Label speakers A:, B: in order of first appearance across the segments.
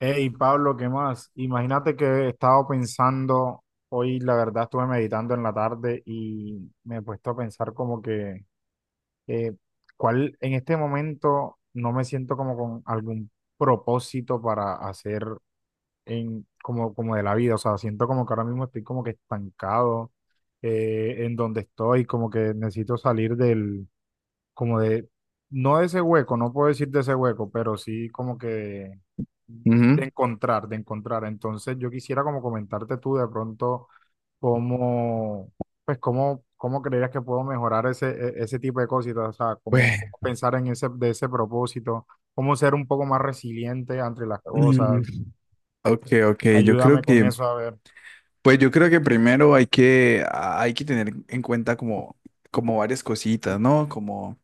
A: Hey, Pablo, ¿qué más? Imagínate que he estado pensando, hoy la verdad estuve meditando en la tarde y me he puesto a pensar como que, eh, ¿cuál en este momento no me siento como con algún propósito para hacer en, como de la vida? O sea, siento como que ahora mismo estoy como que estancado en donde estoy, como que necesito salir del, como de, no de ese hueco, no puedo decir de ese hueco, pero sí como que de
B: Ujú.
A: encontrar, de encontrar. Entonces, yo quisiera como comentarte tú de pronto cómo, pues cómo, cómo creerías que puedo mejorar ese, ese tipo de cositas, o sea, cómo,
B: Pues,
A: cómo pensar en ese, de ese propósito, cómo ser un poco más resiliente ante las
B: mm,
A: cosas.
B: ok, ok, yo creo
A: Ayúdame con eso, a ver.
B: pues yo creo que primero hay que tener en cuenta como, como varias cositas, ¿no?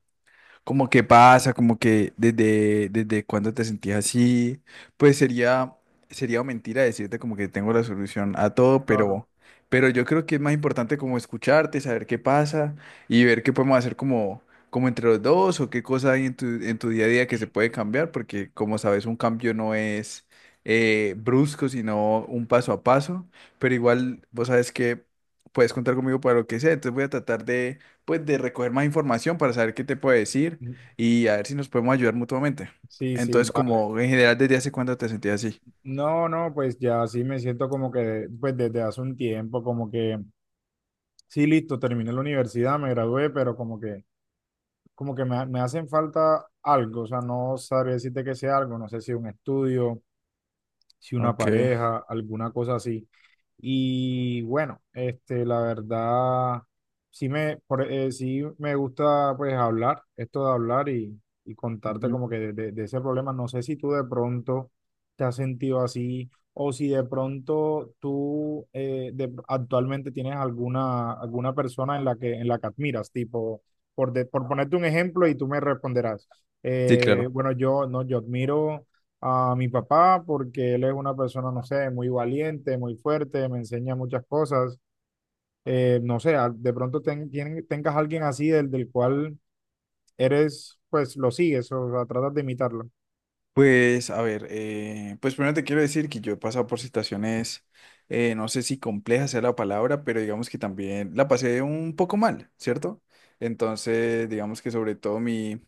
B: Como qué pasa, como que desde cuándo te sentías así, pues sería, sería mentira decirte como que tengo la solución a todo,
A: Claro.
B: pero yo creo que es más importante como escucharte, saber qué pasa y ver qué podemos hacer como, como entre los dos o qué cosa hay en tu día a día que se puede cambiar, porque como sabes, un cambio no es brusco, sino un paso a paso, pero igual vos sabes que puedes contar conmigo para lo que sea, entonces voy a tratar de pues de recoger más información para saber qué te puede decir
A: Mm.
B: y a ver si nos podemos ayudar mutuamente.
A: Sí, sí,
B: Entonces,
A: vale.
B: como en general, ¿desde hace cuánto te sentías así?
A: No, no, pues ya sí me siento como que, pues desde hace un tiempo, como que, sí, listo, terminé la universidad, me gradué, pero como que me hacen falta algo, o sea, no sabría decirte que sea algo, no sé si un estudio, si una
B: Ok.
A: pareja, alguna cosa así. Y bueno, este, la verdad, sí me, sí me gusta pues hablar, esto de hablar y contarte
B: Ujú.
A: como que de, de ese problema. No sé si tú de pronto te has sentido así o si de pronto tú actualmente tienes alguna persona en la que admiras, tipo, por ponerte un ejemplo y tú me responderás.
B: Sí, claro.
A: Bueno, yo, no, yo admiro a mi papá porque él es una persona, no sé, muy valiente, muy fuerte, me enseña muchas cosas. No sé, de pronto tengas alguien así del cual eres, pues lo sigues, o sea, tratas de imitarlo.
B: Pues, a ver, pues primero te quiero decir que yo he pasado por situaciones, no sé si compleja sea la palabra, pero digamos que también la pasé un poco mal, ¿cierto? Entonces, digamos que sobre todo mi,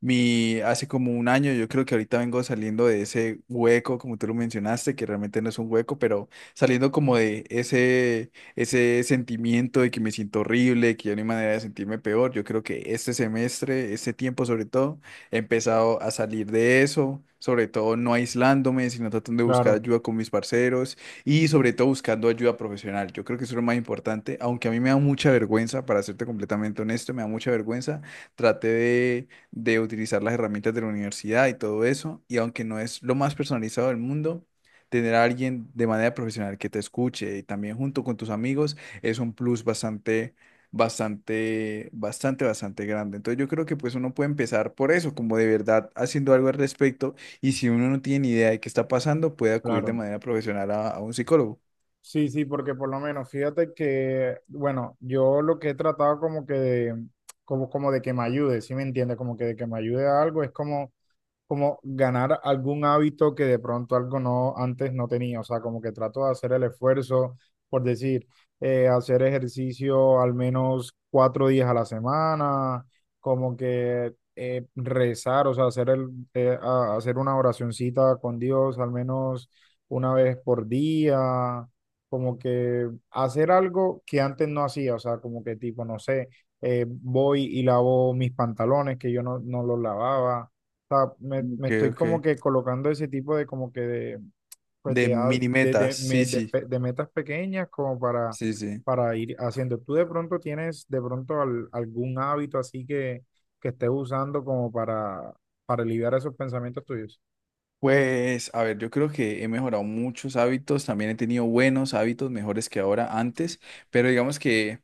B: Mi, hace como 1 año, yo creo que ahorita vengo saliendo de ese hueco, como tú lo mencionaste, que realmente no es un hueco, pero saliendo como de ese sentimiento de que me siento horrible, que ya no hay manera de sentirme peor. Yo creo que este semestre, este tiempo sobre todo, he empezado a salir de eso, sobre todo no aislándome, sino tratando de buscar
A: Claro,
B: ayuda con mis parceros y sobre todo buscando ayuda profesional. Yo creo que eso es lo más importante, aunque a mí me da mucha vergüenza, para serte completamente honesto, me da mucha vergüenza. Traté de utilizar las herramientas de la universidad y todo eso. Y aunque no es lo más personalizado del mundo, tener a alguien de manera profesional que te escuche y también junto con tus amigos es un plus bastante grande. Entonces yo creo que pues uno puede empezar por eso, como de verdad haciendo algo al respecto. Y si uno no tiene ni idea de qué está pasando, puede acudir de
A: claro.
B: manera profesional a un psicólogo.
A: Sí, sí, porque por lo menos fíjate que, bueno, yo lo que he tratado como que de, como de que me ayude, ¿sí me entiendes? Como que de que me ayude a algo es como ganar algún hábito que de pronto algo no antes no tenía, o sea, como que trato de hacer el esfuerzo, por decir, hacer ejercicio al menos 4 días a la semana, como que rezar, o sea, hacer una oracioncita con Dios al menos una vez por día, como que hacer algo que antes no hacía, o sea, como que tipo, no sé, voy y lavo mis pantalones que yo no los lavaba, sea, me
B: Ok,
A: estoy como
B: ok.
A: que colocando ese tipo de como que de, pues
B: De
A: de,
B: mini metas, sí, sí,
A: de metas pequeñas como para,
B: sí, sí.
A: ir haciendo. ¿Tú de pronto tienes de pronto algún hábito así que estés usando como para, aliviar esos pensamientos tuyos?
B: Pues, a ver, yo creo que he mejorado muchos hábitos, también he tenido buenos hábitos, mejores que ahora antes, pero digamos que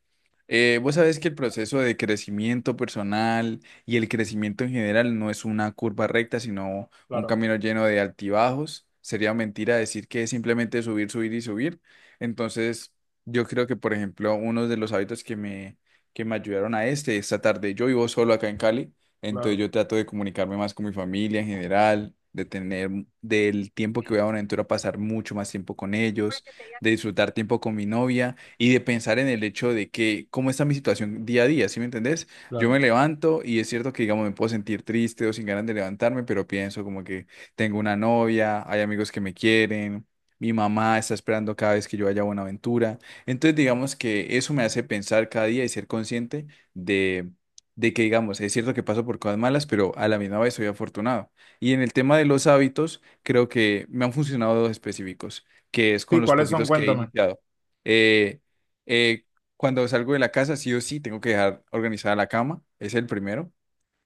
B: vos sabés que el proceso de crecimiento personal y el crecimiento en general no es una curva recta, sino un
A: Claro,
B: camino lleno de altibajos. Sería mentira decir que es simplemente subir, subir y subir. Entonces, yo creo que, por ejemplo, uno de los hábitos que me ayudaron a este, esta tarde, yo vivo solo acá en Cali. Entonces
A: claro,
B: yo trato de comunicarme más con mi familia en general, de tener del tiempo que voy a Buenaventura pasar mucho más tiempo con ellos, de disfrutar tiempo con mi novia y de pensar en el hecho de que cómo está mi situación día a día, ¿sí me entendés? Yo
A: claro.
B: me levanto y es cierto que digamos me puedo sentir triste o sin ganas de levantarme, pero pienso como que tengo una novia, hay amigos que me quieren. Mi mamá está esperando cada vez que yo vaya a Buenaventura. Entonces, digamos que eso me hace pensar cada día y ser consciente de de que digamos, es cierto que paso por cosas malas, pero a la misma vez soy afortunado. Y en el tema de los hábitos, creo que me han funcionado dos específicos, que es
A: Sí,
B: con los
A: ¿cuáles son?
B: poquitos que he
A: Cuéntame.
B: iniciado. Eh, eh, cuando salgo de la casa, sí o sí, tengo que dejar organizada la cama, es el primero.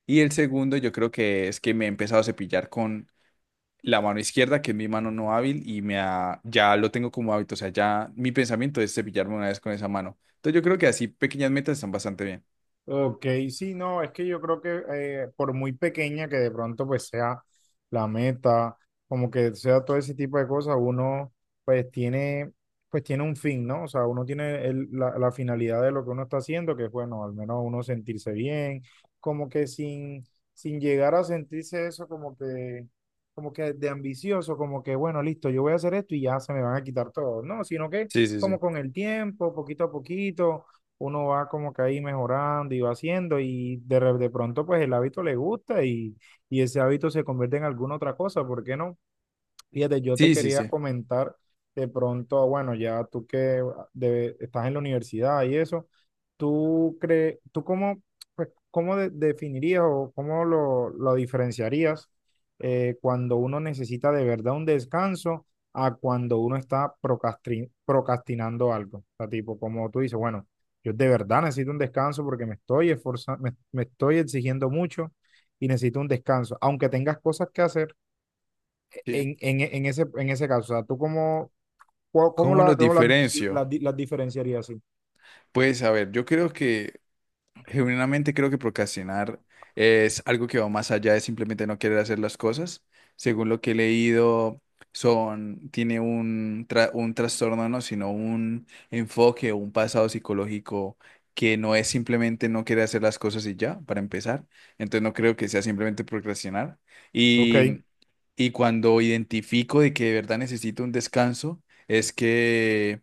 B: Y el segundo, yo creo que es que me he empezado a cepillar con la mano izquierda, que es mi mano no hábil, y ya lo tengo como hábito, o sea, ya mi pensamiento es cepillarme una vez con esa mano. Entonces yo creo que así pequeñas metas están bastante bien.
A: Ok, sí, no, es que yo creo que por muy pequeña que de pronto pues sea la meta, como que sea todo ese tipo de cosas, uno pues tiene, pues tiene un fin, ¿no? O sea, uno tiene la finalidad de lo que uno está haciendo, que es bueno, al menos uno sentirse bien, como que sin, llegar a sentirse eso como que de ambicioso, como que bueno, listo, yo voy a hacer esto y ya se me van a quitar todo, no, sino que
B: Sí, sí,
A: como
B: sí.
A: con el tiempo, poquito a poquito uno va como que ahí mejorando y va haciendo y de pronto pues el hábito le gusta y ese hábito se convierte en alguna otra cosa, ¿por qué no? Fíjate, yo te
B: Sí, sí,
A: quería
B: sí.
A: comentar de pronto, bueno, ya tú que estás en la universidad y eso, ¿tú crees, tú cómo, pues, cómo definirías o cómo lo diferenciarías cuando uno necesita de verdad un descanso a cuando uno está procrastinando algo? O sea, tipo, como tú dices, bueno, yo de verdad necesito un descanso porque me estoy esforzando, me estoy exigiendo mucho y necesito un descanso, aunque tengas cosas que hacer
B: Sí.
A: en, en ese caso, o sea, ¿tú cómo, cómo,
B: ¿Cómo los diferencio?
A: las diferenciarías así?
B: Pues a ver, yo creo genuinamente creo que procrastinar es algo que va más allá de simplemente no querer hacer las cosas. Según lo que he leído, tiene un trastorno, no, sino un enfoque o un pasado psicológico que no es simplemente no querer hacer las cosas y ya, para empezar. Entonces no creo que sea simplemente procrastinar.
A: Ok,
B: Y, y cuando identifico de que de verdad necesito un descanso, es que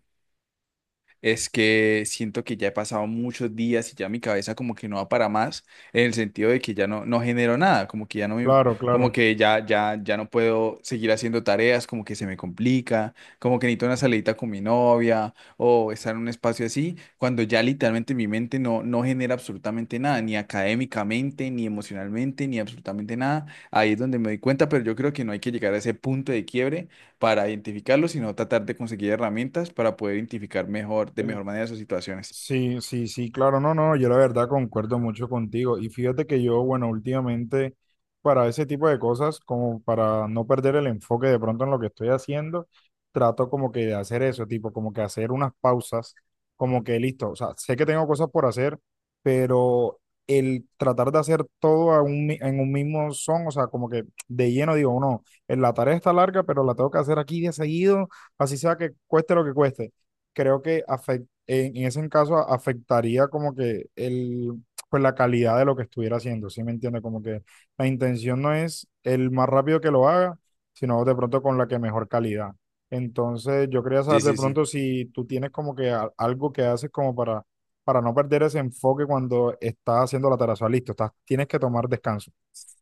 B: es que siento que ya he pasado muchos días y ya mi cabeza como que no va para más, en el sentido de que ya no genero nada, como que ya no me,
A: claro,
B: como
A: claro.
B: que ya no puedo seguir haciendo tareas, como que se me complica, como que necesito una salidita con mi novia o estar en un espacio así, cuando ya literalmente mi mente no genera absolutamente nada, ni académicamente, ni emocionalmente, ni absolutamente nada. Ahí es donde me doy cuenta, pero yo creo que no hay que llegar a ese punto de quiebre para identificarlo, sino tratar de conseguir herramientas para poder identificar mejor, de mejor manera sus situaciones.
A: Sí, sí, sí, claro, no, no, yo la verdad concuerdo mucho contigo. Y fíjate que yo, bueno, últimamente para ese tipo de cosas, como para no perder el enfoque de pronto en lo que estoy haciendo, trato como que de hacer eso, tipo, como que hacer unas pausas, como que listo, o sea, sé que tengo cosas por hacer, pero el tratar de hacer todo en un mismo son, o sea, como que de lleno digo, no, la tarea está larga, pero la tengo que hacer aquí de seguido, así sea que cueste lo que cueste creo que afec- en ese caso a- afectaría como que el, pues la calidad de lo que estuviera haciendo, ¿sí me entiende? Como que la intención no es el más rápido que lo haga, sino de pronto con la que mejor calidad. Entonces, yo quería
B: Sí,
A: saber de
B: sí, sí.
A: pronto si tú tienes como que algo que haces como para, no perder ese enfoque cuando estás haciendo la tarea. O sea, listo, estás, tienes que tomar descanso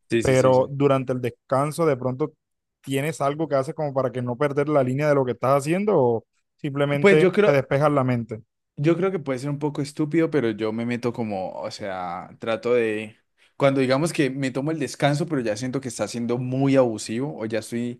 B: Sí, sí, sí, sí.
A: pero durante el descanso de pronto tienes algo que haces como para que no perder la línea de lo que estás haciendo o
B: Pues
A: simplemente
B: yo
A: te
B: creo,
A: despejas la mente.
B: yo creo que puede ser un poco estúpido, pero yo me meto como, o sea, trato de, cuando digamos que me tomo el descanso, pero ya siento que está siendo muy abusivo o ya estoy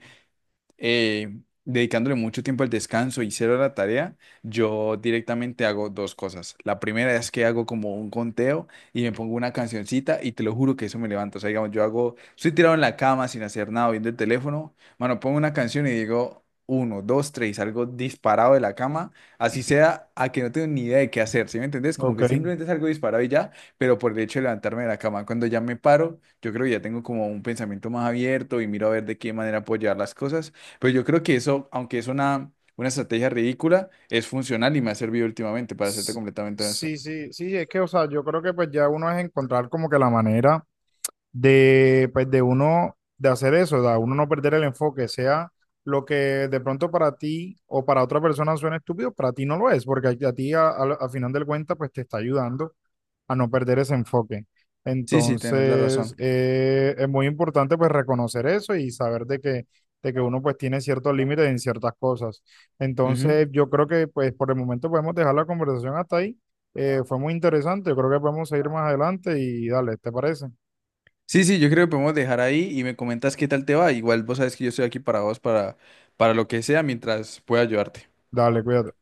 B: eh, dedicándole mucho tiempo al descanso y cero a la tarea, yo directamente hago dos cosas. La primera es que hago como un conteo y me pongo una cancioncita y te lo juro que eso me levanta. O sea, digamos, yo hago, estoy tirado en la cama sin hacer nada, viendo el teléfono, mano, pongo una canción y digo... Uno, dos, tres, algo disparado de la cama, así sea a que no tengo ni idea de qué hacer, ¿sí me entendés? Como
A: Ok.
B: que simplemente salgo disparado y ya, pero por el hecho de levantarme de la cama, cuando ya me paro, yo creo que ya tengo como un pensamiento más abierto y miro a ver de qué manera puedo llevar las cosas pues yo creo que eso, aunque es una estrategia ridícula, es funcional y me ha servido últimamente para hacerte
A: S-
B: completamente honesto.
A: Sí, sí, sí, es que, o sea, yo creo que pues ya uno es encontrar como que la manera de, pues de uno, de hacer eso, de uno no perder el enfoque, sea lo que de pronto para ti o para otra persona suena estúpido, para ti no lo es, porque a ti al final del cuenta pues te está ayudando a no perder ese enfoque.
B: Sí, sí, tenés la
A: Entonces,
B: razón.
A: es muy importante pues reconocer eso y saber de que uno pues tiene ciertos límites en ciertas cosas.
B: Ujú.
A: Entonces, yo creo que pues por el momento podemos dejar la conversación hasta ahí. Fue muy interesante, yo creo que podemos seguir más adelante y dale, ¿te parece?
B: Sí, sí, yo creo que podemos dejar ahí y me comentas qué tal te va. Igual vos sabes que yo estoy aquí para vos, para lo que sea, mientras pueda ayudarte.
A: Dale, cuídate.